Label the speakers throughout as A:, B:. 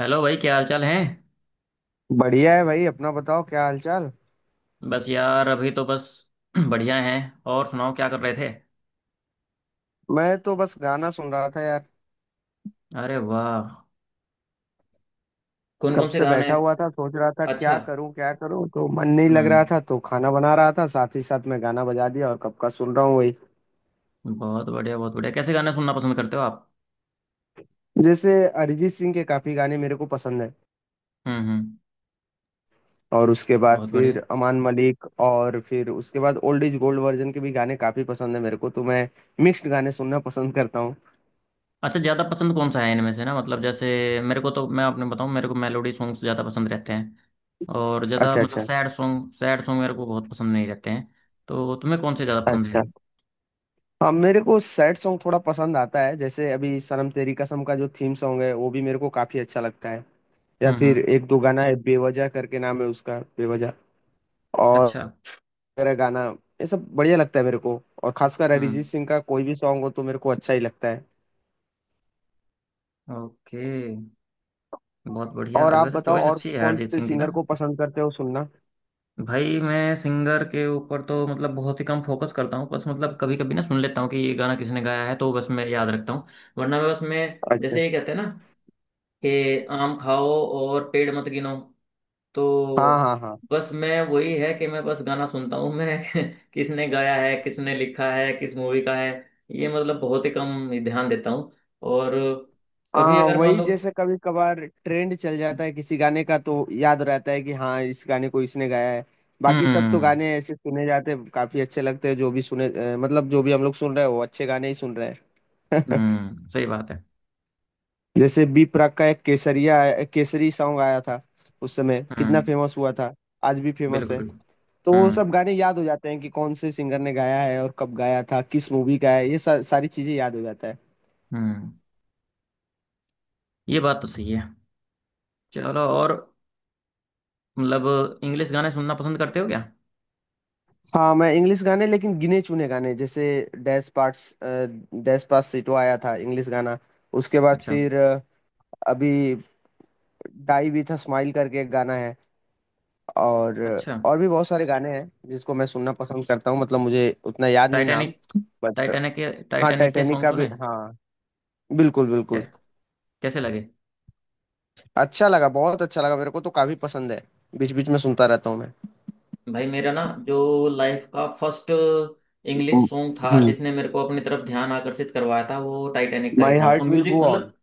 A: Hello भाई, क्या हाल चाल है।
B: बढ़िया है भाई अपना बताओ क्या हालचाल।
A: बस यार, अभी तो बस बढ़िया हैं। और सुनाओ, क्या कर रहे थे।
B: मैं तो बस गाना सुन रहा था यार।
A: अरे वाह। कौन
B: कब
A: कौन से
B: से
A: गाने।
B: बैठा हुआ था सोच रहा था
A: अच्छा।
B: क्या करूं तो मन नहीं लग रहा
A: हम्म।
B: था तो खाना बना रहा था साथ ही साथ मैं गाना बजा दिया और कब का सुन रहा हूँ वही।
A: बहुत बढ़िया, बहुत बढ़िया। कैसे गाने सुनना पसंद करते हो आप।
B: जैसे अरिजीत सिंह के काफी गाने मेरे को पसंद है।
A: हम्म।
B: और उसके बाद
A: बहुत बढ़िया।
B: फिर अमान मलिक और फिर उसके बाद ओल्ड इज गोल्ड वर्जन के भी गाने काफी पसंद है मेरे को तो मैं मिक्स्ड गाने सुनना पसंद करता हूँ।
A: अच्छा, ज़्यादा पसंद कौन सा है इनमें से ना, मतलब जैसे मेरे को तो, मैं आपने बताऊँ, मेरे को मेलोडी सॉन्ग्स ज़्यादा पसंद रहते हैं। और ज़्यादा
B: अच्छा,
A: मतलब
B: अच्छा,
A: सैड सॉन्ग, सैड सॉन्ग मेरे को बहुत पसंद नहीं रहते हैं। तो तुम्हें कौन से ज़्यादा पसंद है।
B: अच्छा। हाँ, मेरे को सैड सॉन्ग थोड़ा पसंद आता है जैसे अभी सनम तेरी कसम का जो थीम सॉन्ग है वो भी मेरे को काफी अच्छा लगता है। या फिर
A: हम्म।
B: एक दो गाना है बेवजह करके नाम है उसका बेवजह और
A: अच्छा।
B: मेरा गाना, ये सब बढ़िया लगता है मेरे को। और खासकर
A: हम्म।
B: अरिजीत सिंह का कोई भी सॉन्ग हो तो मेरे को अच्छा ही लगता है।
A: ओके। बहुत बढ़िया।
B: और
A: और
B: आप
A: वैसे
B: बताओ
A: चॉइस
B: और
A: अच्छी है यार,
B: कौन
A: अरिजीत
B: से
A: सिंह की ना।
B: सिंगर को पसंद करते हो सुनना।
A: भाई मैं सिंगर के ऊपर तो मतलब बहुत ही कम फोकस करता हूँ, बस मतलब कभी कभी ना सुन लेता हूँ कि ये गाना किसने गाया है, तो बस मैं याद रखता हूँ। वरना मैं बस मैं
B: अच्छा।
A: जैसे ये कहते हैं ना कि आम खाओ और पेड़ मत गिनो,
B: हाँ,
A: तो
B: हाँ, हाँ।
A: बस मैं वही है कि मैं बस गाना सुनता हूँ मैं। किसने गाया है, किसने लिखा है, किस मूवी का है, ये मतलब बहुत ही कम ध्यान देता हूँ। और कभी
B: हाँ,
A: अगर मान
B: वही
A: लो।
B: जैसे कभी कभार ट्रेंड चल जाता है किसी गाने का तो याद रहता है कि हाँ इस गाने को इसने गाया है। बाकी सब तो
A: हम्म
B: गाने ऐसे सुने जाते हैं काफी अच्छे लगते हैं जो भी सुने, मतलब जो भी हम लोग सुन रहे हैं वो अच्छे गाने ही सुन रहे हैं।
A: हम्म, सही बात है।
B: जैसे बी प्राक का एक केसरिया एक केसरी सॉन्ग आया था, उस समय कितना
A: हम्म।
B: फेमस हुआ था। आज भी फेमस
A: बिल्कुल
B: है।
A: बिल्कुल।
B: तो वो सब
A: हम्म
B: गाने याद हो जाते हैं कि कौन से सिंगर ने गाया है और कब गाया था किस मूवी का है ये सारी चीजें याद हो जाता है।
A: हम्म। ये बात तो सही है। चलो। और मतलब इंग्लिश गाने सुनना पसंद करते हो क्या।
B: हाँ मैं इंग्लिश गाने लेकिन गिने चुने गाने, जैसे डैश पार्ट्स, डैश पास सिटो आया था इंग्लिश गाना। उसके बाद
A: अच्छा
B: फिर अभी डाई भी था, स्माइल करके एक गाना है। और
A: अच्छा।
B: और भी बहुत सारे गाने हैं जिसको मैं सुनना पसंद करता हूँ मतलब मुझे उतना याद नहीं नाम,
A: टाइटैनिक।
B: बट
A: टाइटैनिक के,
B: हाँ,
A: टाइटैनिक के
B: टाइटैनिक
A: सॉन्ग
B: का भी,
A: सुने।
B: हाँ, बिल्कुल
A: क्या,
B: बिल्कुल।
A: कैसे लगे।
B: अच्छा लगा, बहुत अच्छा लगा मेरे को, तो काफी पसंद है। बीच बीच में सुनता रहता हूँ मैं।
A: भाई मेरा ना जो लाइफ का फर्स्ट इंग्लिश सॉन्ग था
B: हम्म।
A: जिसने मेरे को अपनी तरफ ध्यान आकर्षित करवाया था, वो टाइटैनिक का ही
B: माई
A: था, उसका
B: heart will
A: music
B: go on.
A: मतलब।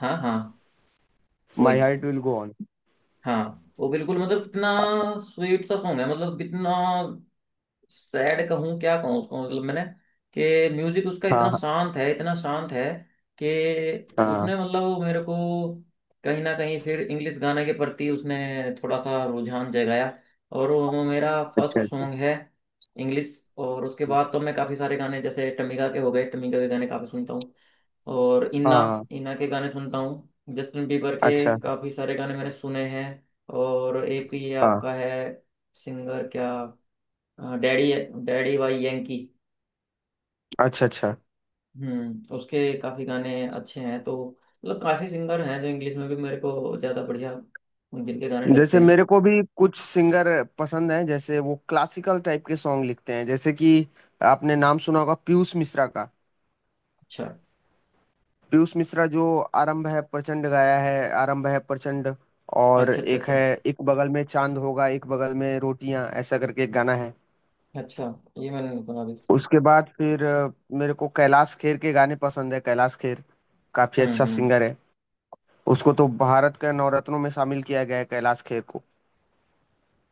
A: हाँ हाँ।
B: माई
A: वही।
B: Heart will go on.
A: हाँ, वो बिल्कुल मतलब इतना स्वीट सा सॉन्ग है, मतलब इतना सैड कहूँ, क्या कहूँ उसको, मतलब मैंने कि म्यूजिक उसका इतना
B: हाँ,
A: शांत है, इतना शांत है कि
B: हाँ, हाँ,
A: उसने मतलब वो मेरे को कहीं ना कहीं फिर इंग्लिश गाने के प्रति उसने थोड़ा सा रुझान जगाया। और वो मेरा फर्स्ट
B: अच्छा, अच्छा,
A: सॉन्ग है इंग्लिश। और उसके बाद तो मैं काफ़ी सारे गाने जैसे टमिका के हो गए, टमिका के गाने काफ़ी सुनता हूँ। और इन्ना,
B: हाँ, हाँ,
A: इन्ना के गाने सुनता हूँ। जस्टिन बीबर के
B: अच्छा,
A: काफ़ी सारे गाने मैंने सुने हैं। और एक ये
B: हाँ,
A: आपका है सिंगर क्या, हाँ, डैडी। Daddy Y Yankee.
B: अच्छा, अच्छा।
A: हम्म, उसके काफी गाने अच्छे हैं, तो मतलब काफी सिंगर हैं जो इंग्लिश में भी मेरे को ज्यादा बढ़िया जिनके गाने लगते
B: जैसे
A: हैं।
B: मेरे को भी कुछ सिंगर पसंद हैं, जैसे वो क्लासिकल टाइप के सॉन्ग लिखते हैं, जैसे कि आपने नाम सुना होगा पीयूष मिश्रा का।
A: अच्छा
B: पीयूष मिश्रा जो आरंभ है प्रचंड गाया है, आरंभ है प्रचंड। और
A: अच्छा अच्छा।
B: एक
A: अच्छा
B: है, एक बगल में चांद होगा एक बगल में रोटियां ऐसा करके एक गाना है।
A: अच्छा, ये मैंने नहीं सुना अभी।
B: उसके बाद फिर मेरे को कैलाश खेर के गाने पसंद है। कैलाश खेर काफी अच्छा
A: हम्म।
B: सिंगर है। उसको तो भारत के नवरत्नों में शामिल किया गया है, कैलाश खेर को।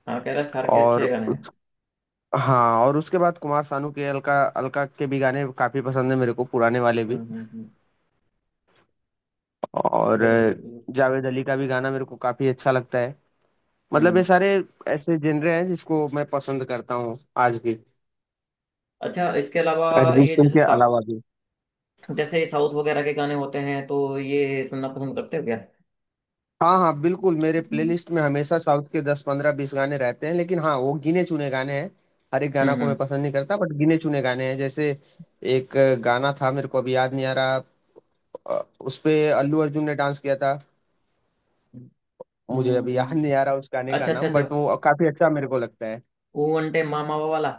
A: हाँ, कैलाश खार के अच्छे
B: और
A: गाने हैं।
B: हाँ, और उसके बाद कुमार सानू के, अलका अलका के भी गाने काफी पसंद है मेरे को, पुराने वाले भी।
A: हम्म हम्म हम्म,
B: और
A: बिल्कुल बिल्कुल बिल्कुल।
B: जावेद अली का भी गाना मेरे को काफी अच्छा लगता है। मतलब ये
A: हम्म।
B: सारे ऐसे जनरे हैं जिसको मैं पसंद करता हूँ आज भी,
A: अच्छा, इसके अलावा
B: अरिजीत
A: ये
B: सिंह के अलावा भी।
A: जैसे साउथ वगैरह के गाने होते हैं, तो ये सुनना पसंद करते हो क्या।
B: हाँ, हाँ, बिल्कुल, मेरे
A: हम्म
B: प्लेलिस्ट में हमेशा साउथ के 10 15 20 गाने रहते हैं, लेकिन हाँ वो गिने चुने गाने हैं। हर एक गाना को मैं
A: हम्म
B: पसंद नहीं करता बट गिने चुने गाने हैं, जैसे एक गाना था, मेरे को अभी याद नहीं आ रहा, उस पे अल्लू अर्जुन ने डांस किया था। मुझे
A: हम्म
B: अभी याद
A: हम्म।
B: नहीं आ रहा उस गाने का
A: अच्छा अच्छा
B: नाम,
A: अच्छा।
B: बट वो काफी अच्छा मेरे को लगता है।
A: ओ अंटे मामा वाला।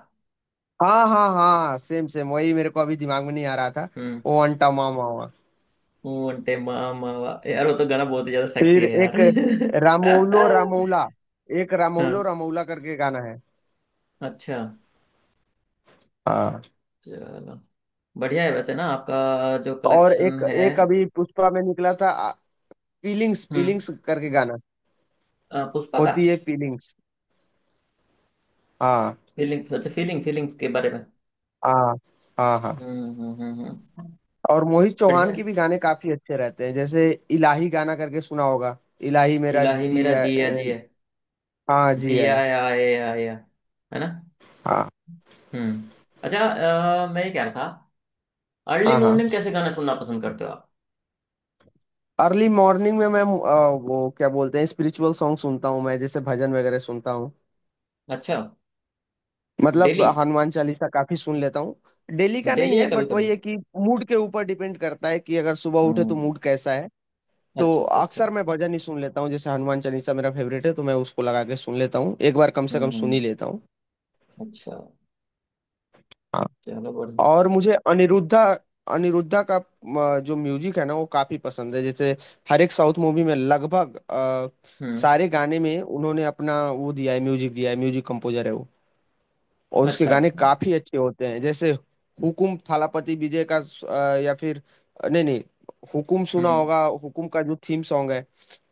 B: हाँ, हाँ, हाँ, सेम सेम वही, मेरे को अभी दिमाग में नहीं आ रहा था।
A: हम्म।
B: ओ अंटा मामा हुआ।
A: यार वो तो गाना बहुत ही ज्यादा सेक्सी
B: फिर
A: है यार।
B: एक रामोलो रामोला, एक रामोलो
A: हाँ।
B: रामोला करके गाना है।
A: अच्छा।
B: हाँ।
A: चलो, बढ़िया है वैसे ना आपका जो
B: और
A: कलेक्शन
B: एक,
A: है।
B: एक अभी पुष्पा में निकला था, फीलिंग्स
A: हम्म।
B: फीलिंग्स करके गाना,
A: पुष्पा का
B: होती है फीलिंग्स। हाँ,
A: फीलिंग, अच्छा, फीलिंग, फीलिंग्स के बारे में।
B: हाँ, हाँ, हाँ।
A: हम्म हम्म हम्म हम्म।
B: और मोहित
A: बढ़िया
B: चौहान
A: है।
B: के भी गाने काफी अच्छे रहते हैं, जैसे इलाही गाना करके सुना होगा। इलाही मेरा
A: इलाही मेरा
B: दिया
A: जिया जिया,
B: हाँ जी है।
A: जिया आए आया, है ना।
B: हाँ,
A: हम्म। अच्छा। मैं ये कह रहा था, अर्ली
B: हाँ, हाँ।
A: मॉर्निंग कैसे गाना सुनना पसंद करते हो आप।
B: अर्ली मॉर्निंग में मैं वो क्या बोलते हैं, स्पिरिचुअल सॉन्ग सुनता हूँ मैं, जैसे भजन वगैरह सुनता हूँ।
A: अच्छा।
B: मतलब
A: डेली।
B: हनुमान चालीसा काफी सुन लेता हूँ। डेली का
A: डेली
B: नहीं
A: या
B: है
A: कभी
B: बट
A: कभी।
B: वही है कि मूड के ऊपर डिपेंड करता है कि अगर सुबह उठे तो
A: हम्म।
B: मूड कैसा है। तो
A: अच्छा अच्छा अच्छा।
B: अक्सर मैं भजन ही सुन लेता हूँ, जैसे हनुमान चालीसा मेरा फेवरेट है तो मैं उसको लगा के सुन लेता हूँ, एक बार कम से कम सुन
A: हम्म।
B: ही लेता हूँ।
A: अच्छा, चलो बढ़िया।
B: और मुझे अनिरुद्धा, अनिरुद्धा का जो म्यूजिक है ना वो काफी पसंद है, जैसे हर एक साउथ मूवी में लगभग
A: हम्म।
B: सारे गाने में उन्होंने अपना वो दिया है, म्यूजिक दिया है, म्यूजिक कंपोजर है वो। और उसके
A: अच्छा।
B: गाने काफी अच्छे होते हैं, जैसे हुकुम, थालापति विजय का या फिर, नहीं नहीं, हुकुम सुना होगा, हुकुम का जो थीम सॉन्ग है।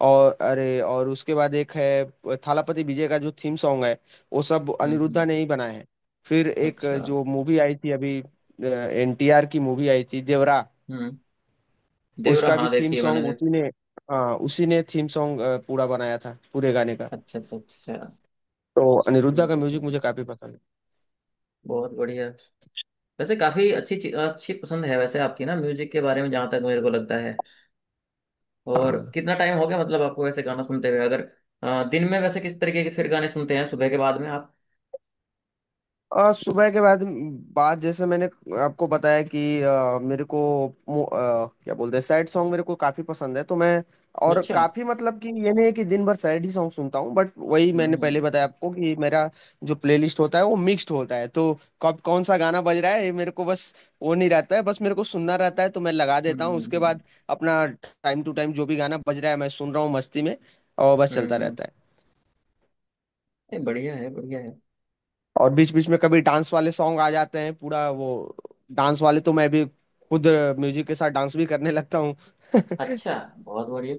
B: और अरे, और उसके बाद एक है थालापति विजय का जो थीम सॉन्ग है, वो सब
A: हम्म।
B: अनिरुद्धा ने ही बनाए हैं। फिर एक
A: अच्छा।
B: जो मूवी आई थी अभी, एनटीआर की मूवी आई थी देवरा,
A: हम्म। देवरा,
B: उसका भी
A: हाँ
B: थीम
A: देखिए मैंने
B: सॉन्ग
A: देख-।
B: उसी ने, हाँ उसी ने थीम सॉन्ग पूरा बनाया था, पूरे गाने का।
A: अच्छा अच्छा अच्छा।
B: तो अनिरुद्धा
A: ठीक
B: का
A: है,
B: म्यूजिक
A: ठीक
B: मुझे
A: है।
B: काफी पसंद
A: बहुत बढ़िया। वैसे काफी अच्छी चीज, अच्छी पसंद है वैसे आपकी ना म्यूजिक के बारे में, जहाँ तक मेरे को लगता है। और
B: है।
A: कितना टाइम हो गया, मतलब आपको वैसे गाना सुनते हुए अगर, दिन में वैसे किस तरीके के फिर गाने सुनते हैं सुबह के बाद में आप।
B: सुबह के बाद, बाद जैसे मैंने आपको बताया कि मेरे को क्या बोलते हैं, सैड सॉन्ग मेरे को काफी पसंद है तो मैं, और
A: अच्छा।
B: काफी, मतलब कि ये नहीं है कि दिन भर सैड ही सॉन्ग सुनता हूँ, बट वही
A: हम्म
B: मैंने पहले
A: हम्म
B: बताया आपको कि मेरा जो प्लेलिस्ट होता है वो मिक्स्ड होता है। तो कब कौन सा गाना बज रहा है ये मेरे को बस वो नहीं रहता है, बस मेरे को सुनना रहता है तो मैं लगा
A: हम्म
B: देता हूँ, उसके
A: हम्म
B: बाद अपना टाइम टू टाइम जो भी गाना बज रहा है मैं सुन रहा हूँ मस्ती में, और बस चलता
A: हम्म,
B: रहता है।
A: नहीं, बढ़िया है, बढ़िया है।
B: और बीच बीच में कभी डांस वाले सॉन्ग आ जाते हैं पूरा वो, डांस वाले तो मैं भी खुद म्यूजिक के साथ डांस भी करने लगता हूँ।
A: अच्छा, बहुत बढ़िया।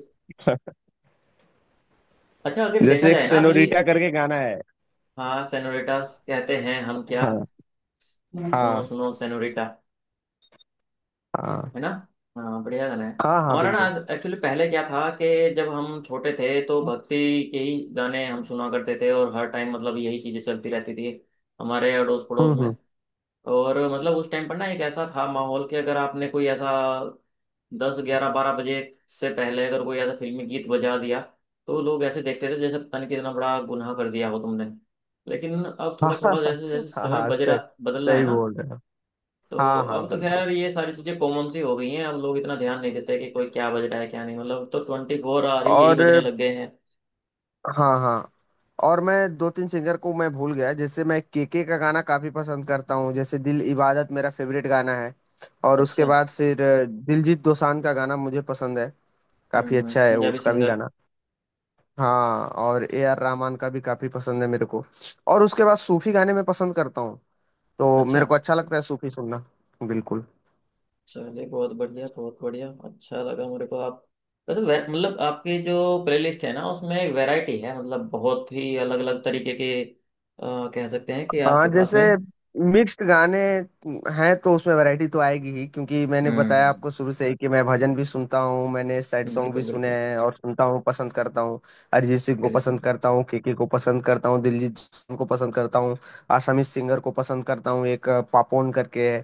A: अच्छा, अगर देखा
B: जैसे एक
A: जाए ना अभी,
B: सेनोरिटा करके गाना है।
A: हाँ, सेनोरिटा कहते हैं हम क्या।
B: हाँ,
A: हम्म। सुनो
B: हाँ,
A: सुनो सेनोरिटा,
B: हाँ।
A: है ना। हाँ, बढ़िया गाना है।
B: हाँ, हाँ,
A: हमारा ना
B: बिल्कुल।
A: आज एक्चुअली पहले क्या था कि जब हम छोटे थे तो भक्ति के ही गाने हम सुना करते थे, और हर टाइम मतलब यही चीजें चलती रहती थी हमारे अड़ोस
B: हम्म,
A: पड़ोस में।
B: हम्म।
A: और मतलब उस टाइम पर ना एक ऐसा था माहौल कि अगर आपने कोई ऐसा 10, 11, 12 बजे से पहले अगर कोई ऐसा फिल्मी गीत बजा दिया, तो लोग ऐसे देखते थे जैसे पता नहीं कितना बड़ा गुनाह कर दिया हो तुमने। लेकिन अब
B: हाँ,
A: थोड़ा
B: हाँ।
A: थोड़ा जैसे जैसे
B: हाँ,
A: समय
B: हाँ,
A: बजरा,
B: सही
A: बदल रहा है
B: सही
A: ना,
B: बोल रहे हो।
A: तो
B: हाँ, हाँ,
A: अब तो
B: बिल्कुल।
A: खैर ये सारी चीजें कॉमन सी हो गई हैं, अब लोग इतना ध्यान नहीं देते कि कोई क्या बज रहा है क्या नहीं, मतलब तो 24 आ रही यही
B: और
A: बजने लग गए हैं।
B: हाँ, हाँ, और मैं दो तीन सिंगर को मैं भूल गया, जैसे मैं केके का गाना काफी पसंद करता हूँ, जैसे दिल इबादत मेरा फेवरेट गाना है। और उसके
A: अच्छा।
B: बाद फिर दिलजीत दोसांझ का गाना मुझे पसंद है, काफी अच्छा है
A: पंजाबी
B: उसका भी
A: सिंगर।
B: गाना। हाँ, और ए आर रहमान का भी काफी पसंद है मेरे को, और उसके बाद सूफी गाने मैं पसंद करता हूँ। तो
A: अच्छा।
B: मेरे को अच्छा लगता है सूफी सुनना। बिल्कुल।
A: चलिए, बहुत बढ़िया, बहुत बढ़िया, अच्छा लगा मेरे को आप, वैसे मतलब आपकी जो प्लेलिस्ट है ना उसमें वैरायटी है, मतलब बहुत ही अलग अलग तरीके के, अ, कह सकते हैं कि
B: हाँ,
A: आपके पास
B: जैसे
A: में।
B: मिक्स्ड गाने हैं तो उसमें वैरायटी तो आएगी ही, क्योंकि मैंने बताया
A: हम्म।
B: आपको शुरू से ही कि मैं भजन भी सुनता हूँ, मैंने सैड सॉन्ग भी
A: बिल्कुल
B: सुने
A: बिल्कुल
B: हैं और सुनता हूँ, पसंद करता हूँ। अरिजीत सिंह को
A: बिल्कुल।
B: पसंद करता हूँ, केके को पसंद करता हूँ, दिलजीत दोसांझ को पसंद करता हूँ, आसामी सिंगर को पसंद करता हूँ, एक पापोन करके है।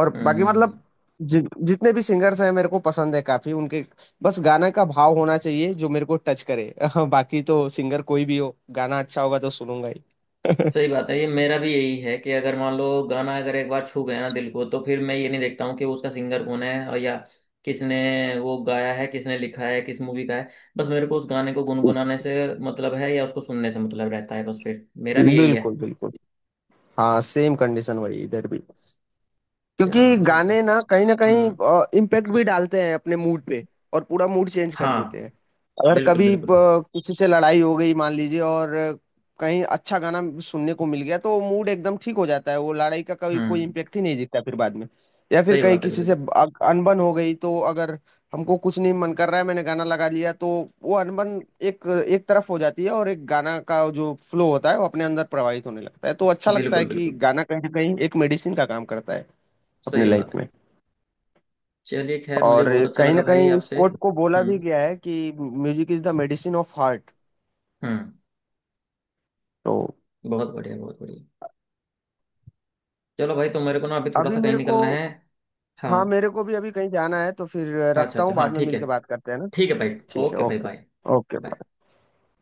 B: और
A: हम्म
B: बाकी
A: हम्म
B: मतलब
A: हम्म।
B: जितने भी सिंगर्स हैं मेरे को पसंद है काफी उनके। बस गाना का भाव होना चाहिए जो मेरे को टच करे बाकी तो सिंगर कोई भी हो, गाना अच्छा होगा तो सुनूंगा ही।
A: सही बात है, ये मेरा भी यही है कि अगर मान लो गाना अगर एक बार छू गया ना दिल को, तो फिर मैं ये नहीं देखता हूँ कि उसका सिंगर कौन है और या किसने वो गाया है, किसने लिखा है, किस मूवी का है, बस मेरे को उस गाने को गुनगुनाने से मतलब है या उसको सुनने से मतलब रहता है बस, फिर मेरा भी यही है।
B: बिल्कुल, बिल्कुल। हाँ, सेम कंडीशन वही इधर भी, क्योंकि
A: चलो।
B: गाने ना कहीं
A: हम्म।
B: इम्पैक्ट भी डालते हैं अपने मूड पे और पूरा मूड चेंज कर देते
A: हाँ,
B: हैं। अगर
A: बिल्कुल
B: कभी
A: बिल्कुल बिल्कुल।
B: किसी से लड़ाई हो गई मान लीजिए और कहीं अच्छा गाना सुनने को मिल गया तो मूड एकदम ठीक हो जाता है, वो लड़ाई का कभी कोई
A: हम्म।
B: इम्पैक्ट ही नहीं दिखता फिर बाद में। या फिर
A: सही
B: कहीं
A: बात है,
B: किसी से
A: बिल्कुल
B: अनबन हो गई तो अगर हमको कुछ नहीं मन कर रहा है मैंने गाना लगा लिया तो वो अनबन एक एक तरफ हो जाती है और एक गाना का जो फ्लो होता है वो अपने अंदर प्रवाहित होने लगता है, तो अच्छा लगता
A: बिल्कुल
B: है कि
A: बिल्कुल।
B: गाना कहीं ना कहीं एक मेडिसिन का काम करता है अपने
A: सही बात
B: लाइफ
A: है।
B: में।
A: चलिए, खैर मुझे
B: और
A: बहुत अच्छा
B: कहीं
A: लगा
B: ना
A: भाई
B: कहीं इस
A: आपसे।
B: कोट को बोला भी
A: हम्म
B: गया है कि music is the medicine of heart.
A: हम्म।
B: तो
A: बहुत बढ़िया, बहुत बढ़िया। चलो भाई, तो मेरे को ना अभी थोड़ा
B: अभी
A: सा कहीं
B: मेरे को,
A: निकलना है।
B: हाँ
A: हाँ।
B: मेरे को भी अभी कहीं जाना है तो फिर
A: अच्छा
B: रखता
A: अच्छा,
B: हूँ,
A: हाँ
B: बाद में
A: ठीक है।
B: मिलके बात करते हैं ना।
A: ठीक है भाई।
B: ठीक है,
A: ओके भाई,
B: ओके।
A: बाय।
B: ओके।
A: बाय।